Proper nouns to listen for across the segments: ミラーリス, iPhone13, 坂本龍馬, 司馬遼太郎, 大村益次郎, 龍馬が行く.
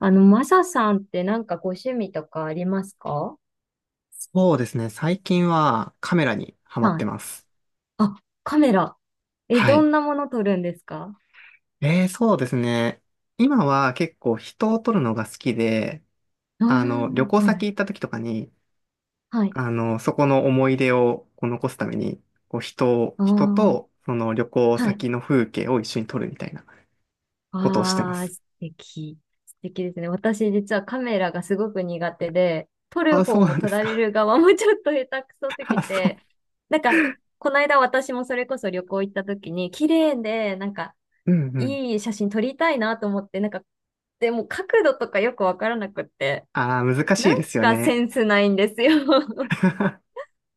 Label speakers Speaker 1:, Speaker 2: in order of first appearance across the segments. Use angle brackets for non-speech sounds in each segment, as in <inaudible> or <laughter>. Speaker 1: マサさんってなんかご趣味とかありますか？
Speaker 2: そうですね。最近はカメラにハマっ
Speaker 1: はい。
Speaker 2: てます。
Speaker 1: あ、カメラ。え、
Speaker 2: は
Speaker 1: ど
Speaker 2: い。
Speaker 1: んなもの撮るんですか？
Speaker 2: そうですね。今は結構人を撮るのが好きで、
Speaker 1: ああ
Speaker 2: 旅行
Speaker 1: ー、は
Speaker 2: 先
Speaker 1: い。
Speaker 2: 行った時とかに、
Speaker 1: はい。
Speaker 2: そこの思い出をこう残すために、こう人を、
Speaker 1: あ
Speaker 2: 人
Speaker 1: あ、
Speaker 2: とその旅行
Speaker 1: はい。
Speaker 2: 先の風景を一緒に撮るみたいなことをしてま
Speaker 1: ああ、
Speaker 2: す。
Speaker 1: 素敵。素敵ですね。私実はカメラがすごく苦手で、撮る
Speaker 2: あ、
Speaker 1: 方
Speaker 2: そう
Speaker 1: も
Speaker 2: なんで
Speaker 1: 撮
Speaker 2: す
Speaker 1: られ
Speaker 2: か。
Speaker 1: る側も <laughs> ちょっと下手くそす
Speaker 2: <laughs> あ、
Speaker 1: ぎ
Speaker 2: そう。
Speaker 1: て、なんか、この間私もそれこそ旅行行った時に、綺麗で、なんか、
Speaker 2: うんうん。
Speaker 1: いい写真撮りたいなと思って、なんか、でも角度とかよくわからなくって、
Speaker 2: あー、難しい
Speaker 1: な
Speaker 2: で
Speaker 1: ん
Speaker 2: すよ
Speaker 1: かセ
Speaker 2: ね。
Speaker 1: ンスないんですよ。<laughs>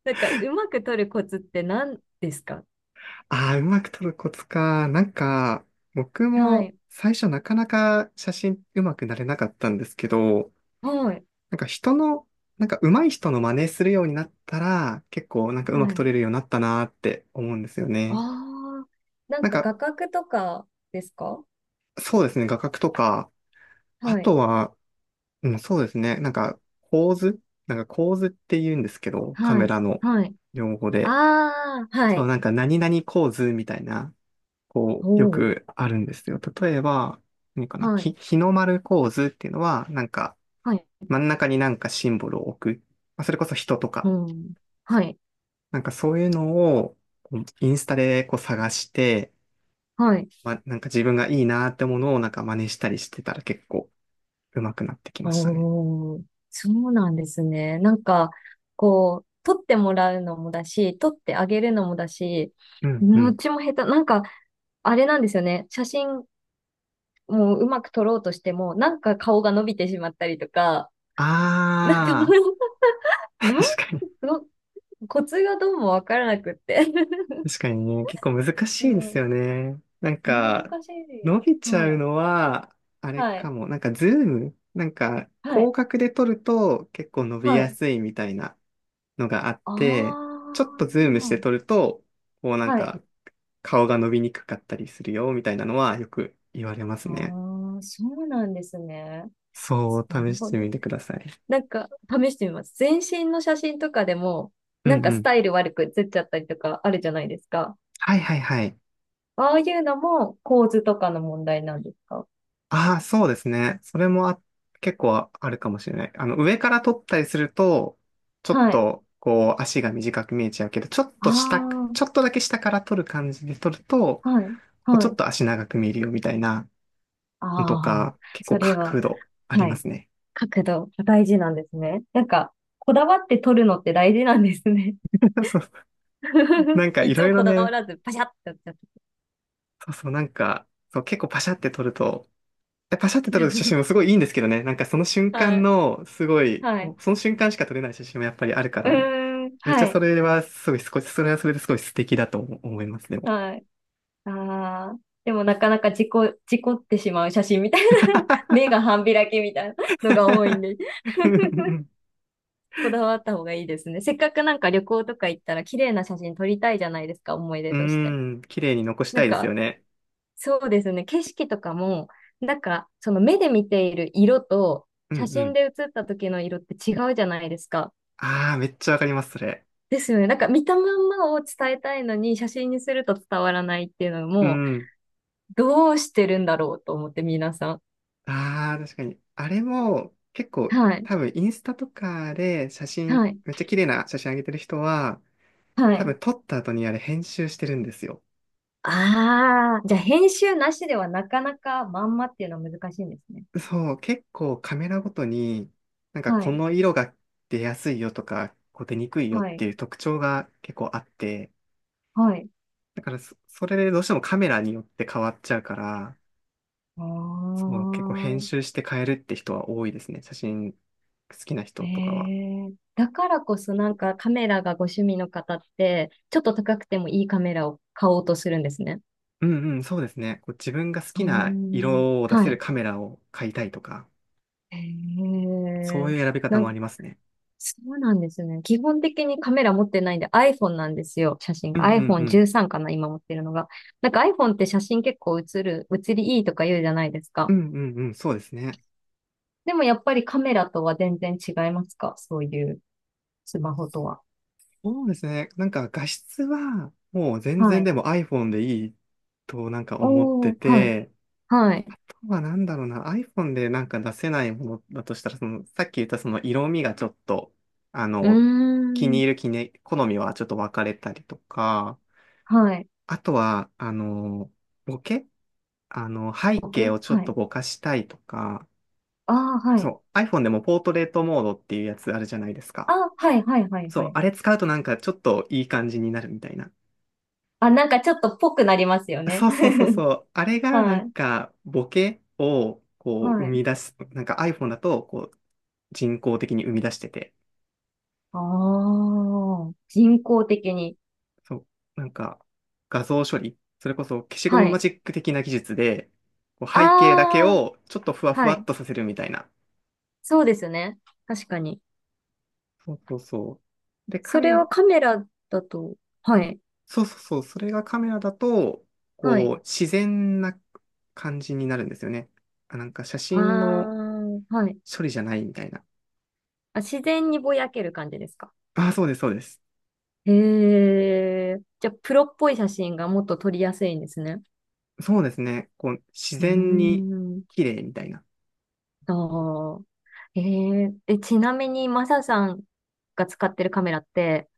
Speaker 1: なんか、うまく取るコツって何ですか？
Speaker 2: ああ、うまく撮るコツか。なんか、僕
Speaker 1: は
Speaker 2: も
Speaker 1: い。
Speaker 2: 最初なかなか写真うまくなれなかったんですけど、
Speaker 1: はい。
Speaker 2: なんか人の、なんか上手い人の真似するようになったら、結構なんかうま
Speaker 1: は
Speaker 2: く撮
Speaker 1: い。
Speaker 2: れるようになったなーって思うんですよね。
Speaker 1: ああ、な
Speaker 2: な
Speaker 1: ん
Speaker 2: ん
Speaker 1: か
Speaker 2: か、
Speaker 1: 画角とかですか？
Speaker 2: そうですね、画角とか、あ
Speaker 1: はい。
Speaker 2: とは、うん、そうですね、なんか構図、なんか構図って言うんですけど、カ
Speaker 1: は
Speaker 2: メ
Speaker 1: い。
Speaker 2: ラの
Speaker 1: はい。
Speaker 2: 用語で。
Speaker 1: ああ、は
Speaker 2: そう、
Speaker 1: い。
Speaker 2: なんか何々構図みたいな、こ
Speaker 1: お
Speaker 2: う、よ
Speaker 1: お。
Speaker 2: くあるんですよ。例えば、何かな、
Speaker 1: はい。
Speaker 2: 日の丸構図っていうのは、なんか、
Speaker 1: はい。
Speaker 2: 真ん中になんかシンボルを置く。まあ、それこそ人と
Speaker 1: う
Speaker 2: か、
Speaker 1: ん。はい。
Speaker 2: なんかそういうのを、こうインスタでこう探して、
Speaker 1: はい。
Speaker 2: まあ、なんか自分がいいなってものをなんか真似したりしてたら結構上手くなってきましたね。
Speaker 1: おお。そうなんですね。なんか、こう、取ってもらうのもだし、取ってあげるのもだし、
Speaker 2: うんう
Speaker 1: どっ
Speaker 2: ん。
Speaker 1: ちも下手。なんか、あれなんですよね。写真もううまく撮ろうとしても、なんか顔が伸びてしまったりとか、<laughs> なんか
Speaker 2: あ
Speaker 1: <laughs>
Speaker 2: ー、
Speaker 1: なん、
Speaker 2: <laughs> 確かに。
Speaker 1: どコツがどうもわからなくって <laughs>
Speaker 2: 確かにね、結構難
Speaker 1: う
Speaker 2: しいです
Speaker 1: ん、
Speaker 2: よね。なん
Speaker 1: 難
Speaker 2: か、
Speaker 1: し
Speaker 2: 伸び
Speaker 1: い。
Speaker 2: ちゃ
Speaker 1: は
Speaker 2: う
Speaker 1: い。
Speaker 2: のは、あれ
Speaker 1: は
Speaker 2: か
Speaker 1: い。
Speaker 2: も。なんか、ズームなんか、
Speaker 1: は
Speaker 2: 広
Speaker 1: い。
Speaker 2: 角で撮ると結構伸び
Speaker 1: は
Speaker 2: や
Speaker 1: い。
Speaker 2: すいみたいなのがあっ
Speaker 1: あ
Speaker 2: て、ちょっとズームして撮
Speaker 1: あ。
Speaker 2: ると、こうなん
Speaker 1: はい。
Speaker 2: か、顔が伸びにくかったりするよ、みたいなのはよく言われますね。
Speaker 1: ああ、そうなんですね。
Speaker 2: そう、
Speaker 1: なる
Speaker 2: 試し
Speaker 1: ほ
Speaker 2: て
Speaker 1: ど。
Speaker 2: みてください。
Speaker 1: なんか、試してみます。全身の写真とかでも、
Speaker 2: う
Speaker 1: なん
Speaker 2: んう
Speaker 1: かス
Speaker 2: ん。
Speaker 1: タイル悪く写っちゃったりとかあるじゃないですか。
Speaker 2: はいはいはい。
Speaker 1: ああいうのも構図とかの問題なんですか？
Speaker 2: ああ、そうですね。それもあ、結構あるかもしれない。上から撮ったりすると、ちょっ
Speaker 1: はい。
Speaker 2: と、こう、足が短く見えちゃうけど、
Speaker 1: あ
Speaker 2: ちょっとだけ下から撮る感じで撮ると、
Speaker 1: あ、はい、
Speaker 2: こう、
Speaker 1: は
Speaker 2: ちょっ
Speaker 1: い。
Speaker 2: と足長く見えるよみたいなのと
Speaker 1: ああ、
Speaker 2: か、結構
Speaker 1: それは、
Speaker 2: 角度あり
Speaker 1: は
Speaker 2: ま
Speaker 1: い。
Speaker 2: すね。
Speaker 1: 角度、大事なんですね。なんか、こだわって撮るのって大事なんですね。
Speaker 2: <laughs> そう、な
Speaker 1: <laughs>
Speaker 2: んか
Speaker 1: い
Speaker 2: い
Speaker 1: つ
Speaker 2: ろ
Speaker 1: も
Speaker 2: いろ
Speaker 1: こだわ
Speaker 2: ね、
Speaker 1: らず、パシャッってやっちゃっ
Speaker 2: そうそう、なんか、そう、結構パシャって撮ると、パシャって撮る写真もすごいいいんですけどね、なんかその
Speaker 1: た。
Speaker 2: 瞬
Speaker 1: <laughs> は
Speaker 2: 間
Speaker 1: い、
Speaker 2: の、すごい、
Speaker 1: はい。
Speaker 2: こうその瞬間しか撮れない写真もやっぱりあるか
Speaker 1: う
Speaker 2: ら、
Speaker 1: ーん、
Speaker 2: めっち
Speaker 1: は
Speaker 2: ゃそ
Speaker 1: い、
Speaker 2: れはすごい少し、それはそれですごい素敵だと思います、でも。
Speaker 1: はい。ああ、でもなかなか事故ってしまう写真みたいな、<laughs> 目が半開きみたいなのが多いんで、
Speaker 2: <laughs>
Speaker 1: <laughs> こだわった方がいいですね。せっかくなんか旅行とか行ったら、綺麗な写真撮りたいじゃないですか、思い出
Speaker 2: う
Speaker 1: として。
Speaker 2: ん、綺麗に残し
Speaker 1: な
Speaker 2: た
Speaker 1: ん
Speaker 2: いです
Speaker 1: か、
Speaker 2: よね。
Speaker 1: そうですね。景色とかも、なんか、その目で見ている色と、
Speaker 2: うんう
Speaker 1: 写真
Speaker 2: ん。
Speaker 1: で写った時の色って違うじゃないですか。
Speaker 2: ああ、めっちゃわかります、それ。
Speaker 1: ですよね。なんか見たまんまを伝えたいのに、写真にすると伝わらないっていうの
Speaker 2: う
Speaker 1: も、
Speaker 2: ん。
Speaker 1: どうしてるんだろうと思って、皆さん。
Speaker 2: ああ、確かに。あれも、結構、
Speaker 1: はい。
Speaker 2: 多分、インスタとかで写真、
Speaker 1: はい。
Speaker 2: めっちゃ綺麗な写真上げてる人は、
Speaker 1: は
Speaker 2: 多
Speaker 1: い。
Speaker 2: 分、撮った後にあれ編集してるんですよ。
Speaker 1: ああ、じゃあ編集なしではなかなかまんまっていうのは難しいんですね。
Speaker 2: そう、結構カメラごとに、なんか
Speaker 1: は
Speaker 2: こ
Speaker 1: い。
Speaker 2: の色が出やすいよとか、こう出にくいよっ
Speaker 1: はい。
Speaker 2: ていう特徴が結構あって、
Speaker 1: はい。
Speaker 2: だからそ、それでどうしてもカメラによって変わっちゃうから、
Speaker 1: あ
Speaker 2: そう、結構編
Speaker 1: あ。
Speaker 2: 集して変えるって人は多いですね。写真好きな
Speaker 1: え
Speaker 2: 人とかは。
Speaker 1: え、だからこそなんかカメラがご趣味の方って、ちょっと高くてもいいカメラを買おうとするんですね。
Speaker 2: うんうん、そうですね。こう自分が好
Speaker 1: うー
Speaker 2: きな
Speaker 1: ん。
Speaker 2: 色を出せ
Speaker 1: は
Speaker 2: る
Speaker 1: い。
Speaker 2: カメラを買いたいとか、
Speaker 1: え
Speaker 2: そう
Speaker 1: え、
Speaker 2: いう選び方
Speaker 1: なん
Speaker 2: もありま
Speaker 1: か、
Speaker 2: すね。
Speaker 1: そうなんですね。基本的にカメラ持ってないんで iPhone なんですよ。写真
Speaker 2: うん
Speaker 1: が。
Speaker 2: うんうん。
Speaker 1: iPhone13 かな、今持ってるのが。なんか iPhone って写真結構写りいいとか言うじゃないです
Speaker 2: う
Speaker 1: か。
Speaker 2: んうんうん、そうですね。
Speaker 1: でもやっぱりカメラとは全然違いますか？そういうスマホとは。
Speaker 2: そうですね。なんか画質はもう全
Speaker 1: は
Speaker 2: 然
Speaker 1: い。
Speaker 2: でも iPhone でいいとなんか思って
Speaker 1: おー、はい。
Speaker 2: て、
Speaker 1: はい。
Speaker 2: はなんだろうな、iPhone でなんか出せないものだとしたら、その、さっき言ったその色味がちょっと、あ
Speaker 1: うー
Speaker 2: の、気に
Speaker 1: ん。
Speaker 2: 入る気ね好みはちょっと分かれたりとか、
Speaker 1: はい。
Speaker 2: あとは、ボケ背
Speaker 1: ボ
Speaker 2: 景
Speaker 1: ケ
Speaker 2: をちょっ
Speaker 1: は
Speaker 2: と
Speaker 1: い。
Speaker 2: ぼかしたいとか、
Speaker 1: ああ、はい。
Speaker 2: そう、iPhone でもポートレートモードっていうやつあるじゃないです
Speaker 1: あ
Speaker 2: か。
Speaker 1: あ、はい、はい、はい、
Speaker 2: そ
Speaker 1: は
Speaker 2: う、
Speaker 1: い。
Speaker 2: あれ使うとなんかちょっといい感じになるみたいな。
Speaker 1: あ、なんかちょっとぽくなりますよね。
Speaker 2: そうそうそう
Speaker 1: <laughs>
Speaker 2: そう。あれがな
Speaker 1: は
Speaker 2: ん
Speaker 1: い、
Speaker 2: かボケをこう
Speaker 1: は
Speaker 2: 生
Speaker 1: い。
Speaker 2: み出す、なんか iPhone だとこう人工的に生み出してて、
Speaker 1: ああ、人工的に。
Speaker 2: そう、なんか画像処理、それこそ消しゴ
Speaker 1: は
Speaker 2: ムマ
Speaker 1: い。
Speaker 2: ジック的な技術で、こう背景だけ
Speaker 1: ああ、
Speaker 2: をちょっとふわふ
Speaker 1: は
Speaker 2: わっ
Speaker 1: い。
Speaker 2: とさせるみたいな。
Speaker 1: そうですね。確かに。
Speaker 2: そうそうそう。で、カ
Speaker 1: そ
Speaker 2: メ
Speaker 1: れ
Speaker 2: ラ、
Speaker 1: はカメラだと、はい、
Speaker 2: そうそうそう、それがカメラだと、
Speaker 1: はい。
Speaker 2: こう自然な感じになるんですよね。あ、なんか写
Speaker 1: あ
Speaker 2: 真の
Speaker 1: あ、はい。
Speaker 2: 処理じゃないみたいな。
Speaker 1: あ、自然にぼやける感じですか。
Speaker 2: あ、そうです、そうです。
Speaker 1: へえ。じゃあ、プロっぽい写真がもっと撮りやすいんですね。
Speaker 2: そうですね。こう、自
Speaker 1: うー
Speaker 2: 然に
Speaker 1: ん。
Speaker 2: 綺麗みたいな。
Speaker 1: ああ。えええ、ちなみに、マサさんが使ってるカメラって、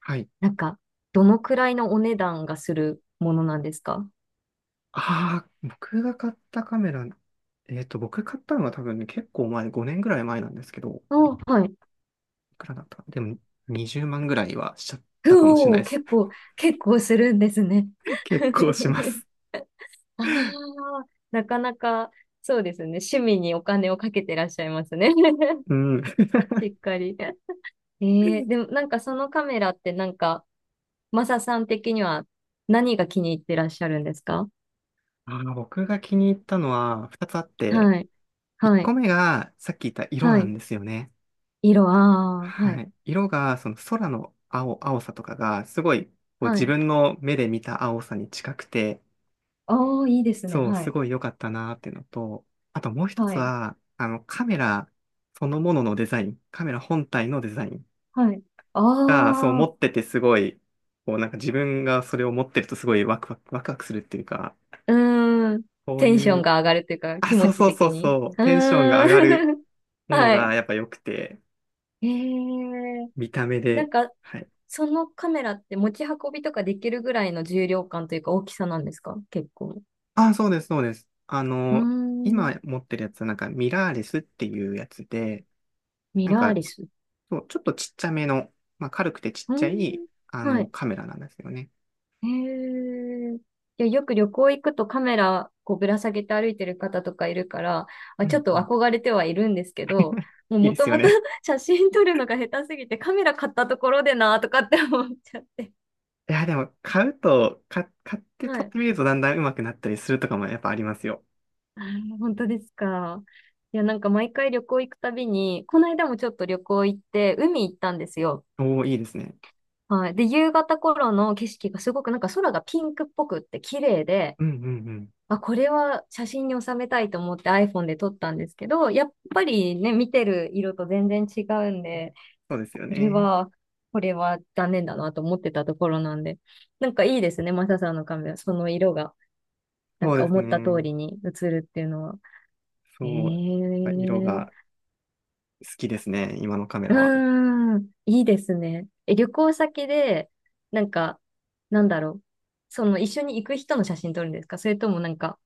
Speaker 2: はい。
Speaker 1: なんか、どのくらいのお値段がするものなんですか？
Speaker 2: ああ、僕が買ったカメラ、えっと、僕買ったのは多分ね、結構前、5年ぐらい前なんですけど、
Speaker 1: お、はい。
Speaker 2: いくらだったかなでも、20万ぐらいはしちゃったかもしれ
Speaker 1: う
Speaker 2: ない
Speaker 1: おー、
Speaker 2: です。
Speaker 1: 結構、結構するんですね。
Speaker 2: <laughs> 結構しま
Speaker 1: <laughs>
Speaker 2: す。
Speaker 1: ああ、なかなか、そうですね。趣味にお金をかけてらっしゃいますね。
Speaker 2: うん。
Speaker 1: <laughs> しっかり。ええ、でもなんかそのカメラってなんか、マサさん的には何が気に入ってらっしゃるんですか？
Speaker 2: ああ、僕が気に入ったのは2つあって、
Speaker 1: はい、
Speaker 2: 1
Speaker 1: は
Speaker 2: 個
Speaker 1: い、
Speaker 2: 目がさっき言った色
Speaker 1: は
Speaker 2: なん
Speaker 1: い。
Speaker 2: ですよね。
Speaker 1: 色、ああ、は
Speaker 2: は
Speaker 1: い、
Speaker 2: い。色が、その空の青、青さとかが、すごい、こう
Speaker 1: は
Speaker 2: 自
Speaker 1: い。
Speaker 2: 分の目で見た青さに近くて、
Speaker 1: ああ、いいですね。
Speaker 2: そう、
Speaker 1: は
Speaker 2: す
Speaker 1: い、
Speaker 2: ごい良かったなーっていうのと、あともう一
Speaker 1: は
Speaker 2: つ
Speaker 1: い、
Speaker 2: は、カメラそのもののデザイン、カメラ本体のデザイン
Speaker 1: はい。あ
Speaker 2: が、そう持
Speaker 1: あ、
Speaker 2: っててすごい、こうなんか自分がそれを持ってるとすごいワクワクするっていうか、
Speaker 1: うーん。
Speaker 2: そう
Speaker 1: テンショ
Speaker 2: い
Speaker 1: ン
Speaker 2: う、
Speaker 1: が上がるというか、
Speaker 2: あ、
Speaker 1: 気持
Speaker 2: そう
Speaker 1: ち
Speaker 2: そうそ
Speaker 1: 的
Speaker 2: う
Speaker 1: に。
Speaker 2: そう、
Speaker 1: う
Speaker 2: テンション
Speaker 1: ー
Speaker 2: が上がる
Speaker 1: ん。<laughs>
Speaker 2: もの
Speaker 1: は
Speaker 2: が
Speaker 1: い。
Speaker 2: やっぱ良くて、
Speaker 1: ええ、
Speaker 2: 見た目
Speaker 1: な
Speaker 2: で、
Speaker 1: んか、
Speaker 2: はい。
Speaker 1: そのカメラって持ち運びとかできるぐらいの重量感というか大きさなんですか？結構。
Speaker 2: あ、そうです、そうです。
Speaker 1: うーん。
Speaker 2: 今持ってるやつはなんかミラーレスっていうやつで、
Speaker 1: ミ
Speaker 2: なん
Speaker 1: ラー
Speaker 2: か
Speaker 1: リス。う
Speaker 2: そう、ちょっとちっちゃめの、まあ、軽くてちっ
Speaker 1: ー
Speaker 2: ちゃい、
Speaker 1: ん。はい。
Speaker 2: カメラなんですよね。
Speaker 1: へえ。いや、よく旅行行くとカメラこうぶら下げて歩いてる方とかいるから、あ、
Speaker 2: う
Speaker 1: ちょっ
Speaker 2: んう
Speaker 1: と
Speaker 2: ん。
Speaker 1: 憧れてはいるんですけど、
Speaker 2: <laughs>
Speaker 1: もう
Speaker 2: いい
Speaker 1: も
Speaker 2: で
Speaker 1: と
Speaker 2: すよ
Speaker 1: もと
Speaker 2: ね。
Speaker 1: <laughs> 写真撮るのが下手すぎてカメラ買ったところでなとかって思っちゃって。
Speaker 2: いや、でも、買うと、か、買って
Speaker 1: は
Speaker 2: 撮っ
Speaker 1: い。
Speaker 2: てみるとだんだん上手くなったりするとかもやっぱありますよ。
Speaker 1: あー、本当ですか。いや、なんか毎回旅行行くたびに、この間もちょっと旅行行って海行ったんですよ。
Speaker 2: おお、いいですね。
Speaker 1: はい。で、夕方頃の景色がすごくなんか空がピンクっぽくって綺麗で、
Speaker 2: うんうんうん。
Speaker 1: まあ、これは写真に収めたいと思って iPhone で撮ったんですけど、やっぱりね、見てる色と全然違うんで、
Speaker 2: そうです
Speaker 1: こ
Speaker 2: よ
Speaker 1: れ
Speaker 2: ね。
Speaker 1: は、これは残念だなと思ってたところなんで、なんかいいですね、マサさんのカメラ、その色が、なん
Speaker 2: そう
Speaker 1: か
Speaker 2: です
Speaker 1: 思った通
Speaker 2: ね。
Speaker 1: りに映るっていうのは。
Speaker 2: そ
Speaker 1: え
Speaker 2: う。やっぱ色
Speaker 1: え、
Speaker 2: が好きですね、今のカメ
Speaker 1: う
Speaker 2: ラは。
Speaker 1: ーん、いいですね。え、旅行先で、なんか、なんだろう、その一緒に行く人の写真撮るんですか？それともなんか、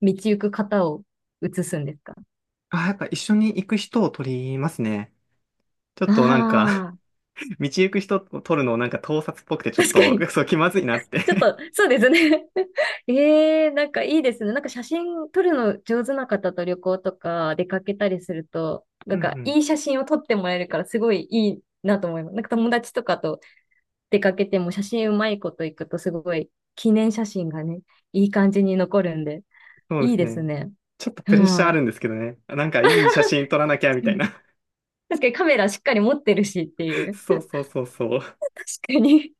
Speaker 1: 道行く方を写すんですか？
Speaker 2: あ、やっぱ一緒に行く人を撮りますね。ちょっ
Speaker 1: あ
Speaker 2: となんか
Speaker 1: あー。
Speaker 2: <laughs> 道行く人を撮るのをなんか盗撮っぽくて
Speaker 1: <laughs>
Speaker 2: ちょっ
Speaker 1: 確か
Speaker 2: と、
Speaker 1: に。
Speaker 2: そう、気まずいなっ
Speaker 1: ちょっ
Speaker 2: て
Speaker 1: と、そうですね。<laughs> ええ、なんかいいですね。なんか写真撮るの上手な方と旅行とか出かけたりすると、
Speaker 2: <laughs>
Speaker 1: な
Speaker 2: う
Speaker 1: ん
Speaker 2: んう
Speaker 1: か
Speaker 2: ん。
Speaker 1: いい
Speaker 2: <laughs>
Speaker 1: 写真を撮ってもらえるからすごいいいなと思います。なんか友達とかと出かけても写真うまいこと行くとすごい記念写真がね、いい感じに残るんで、
Speaker 2: そうで
Speaker 1: いい
Speaker 2: す
Speaker 1: です
Speaker 2: ね。
Speaker 1: ね。
Speaker 2: ちょっとプレッシャーあ
Speaker 1: は
Speaker 2: るんですけどね。なんかいい写真撮らなきゃみ
Speaker 1: い。
Speaker 2: たい
Speaker 1: うん、
Speaker 2: な。
Speaker 1: 確かにカメラしっかり持ってるしってい
Speaker 2: <laughs>
Speaker 1: う。
Speaker 2: そうそうそうそう。
Speaker 1: <laughs> 確かに。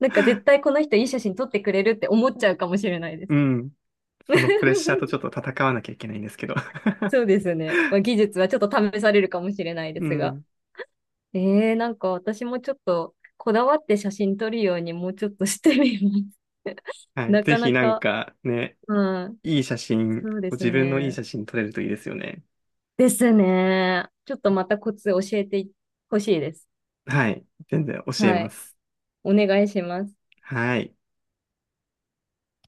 Speaker 1: なんか絶対この人いい写真撮ってくれるって思っちゃうかもしれないで
Speaker 2: う
Speaker 1: す。
Speaker 2: ん。そのプレッシャーとち
Speaker 1: <laughs>
Speaker 2: ょっと戦わなきゃいけないんですけど。
Speaker 1: そうですね。まあ、技術はちょっと試されるかもしれない
Speaker 2: <laughs>
Speaker 1: で
Speaker 2: う
Speaker 1: すが。
Speaker 2: ん。
Speaker 1: なんか私もちょっとこだわって写真撮るようにもうちょっとしてみます。<laughs>
Speaker 2: はい。
Speaker 1: な
Speaker 2: ぜ
Speaker 1: か
Speaker 2: ひ
Speaker 1: な
Speaker 2: なん
Speaker 1: か、
Speaker 2: かね、
Speaker 1: うん、
Speaker 2: いい写真、
Speaker 1: そうです
Speaker 2: 自分のいい
Speaker 1: ね。
Speaker 2: 写真撮れるといいですよね。
Speaker 1: ですね。ちょっとまたコツ教えてほしいです。
Speaker 2: はい。全然教え
Speaker 1: は
Speaker 2: ま
Speaker 1: い。
Speaker 2: す。
Speaker 1: お願いします。
Speaker 2: はい。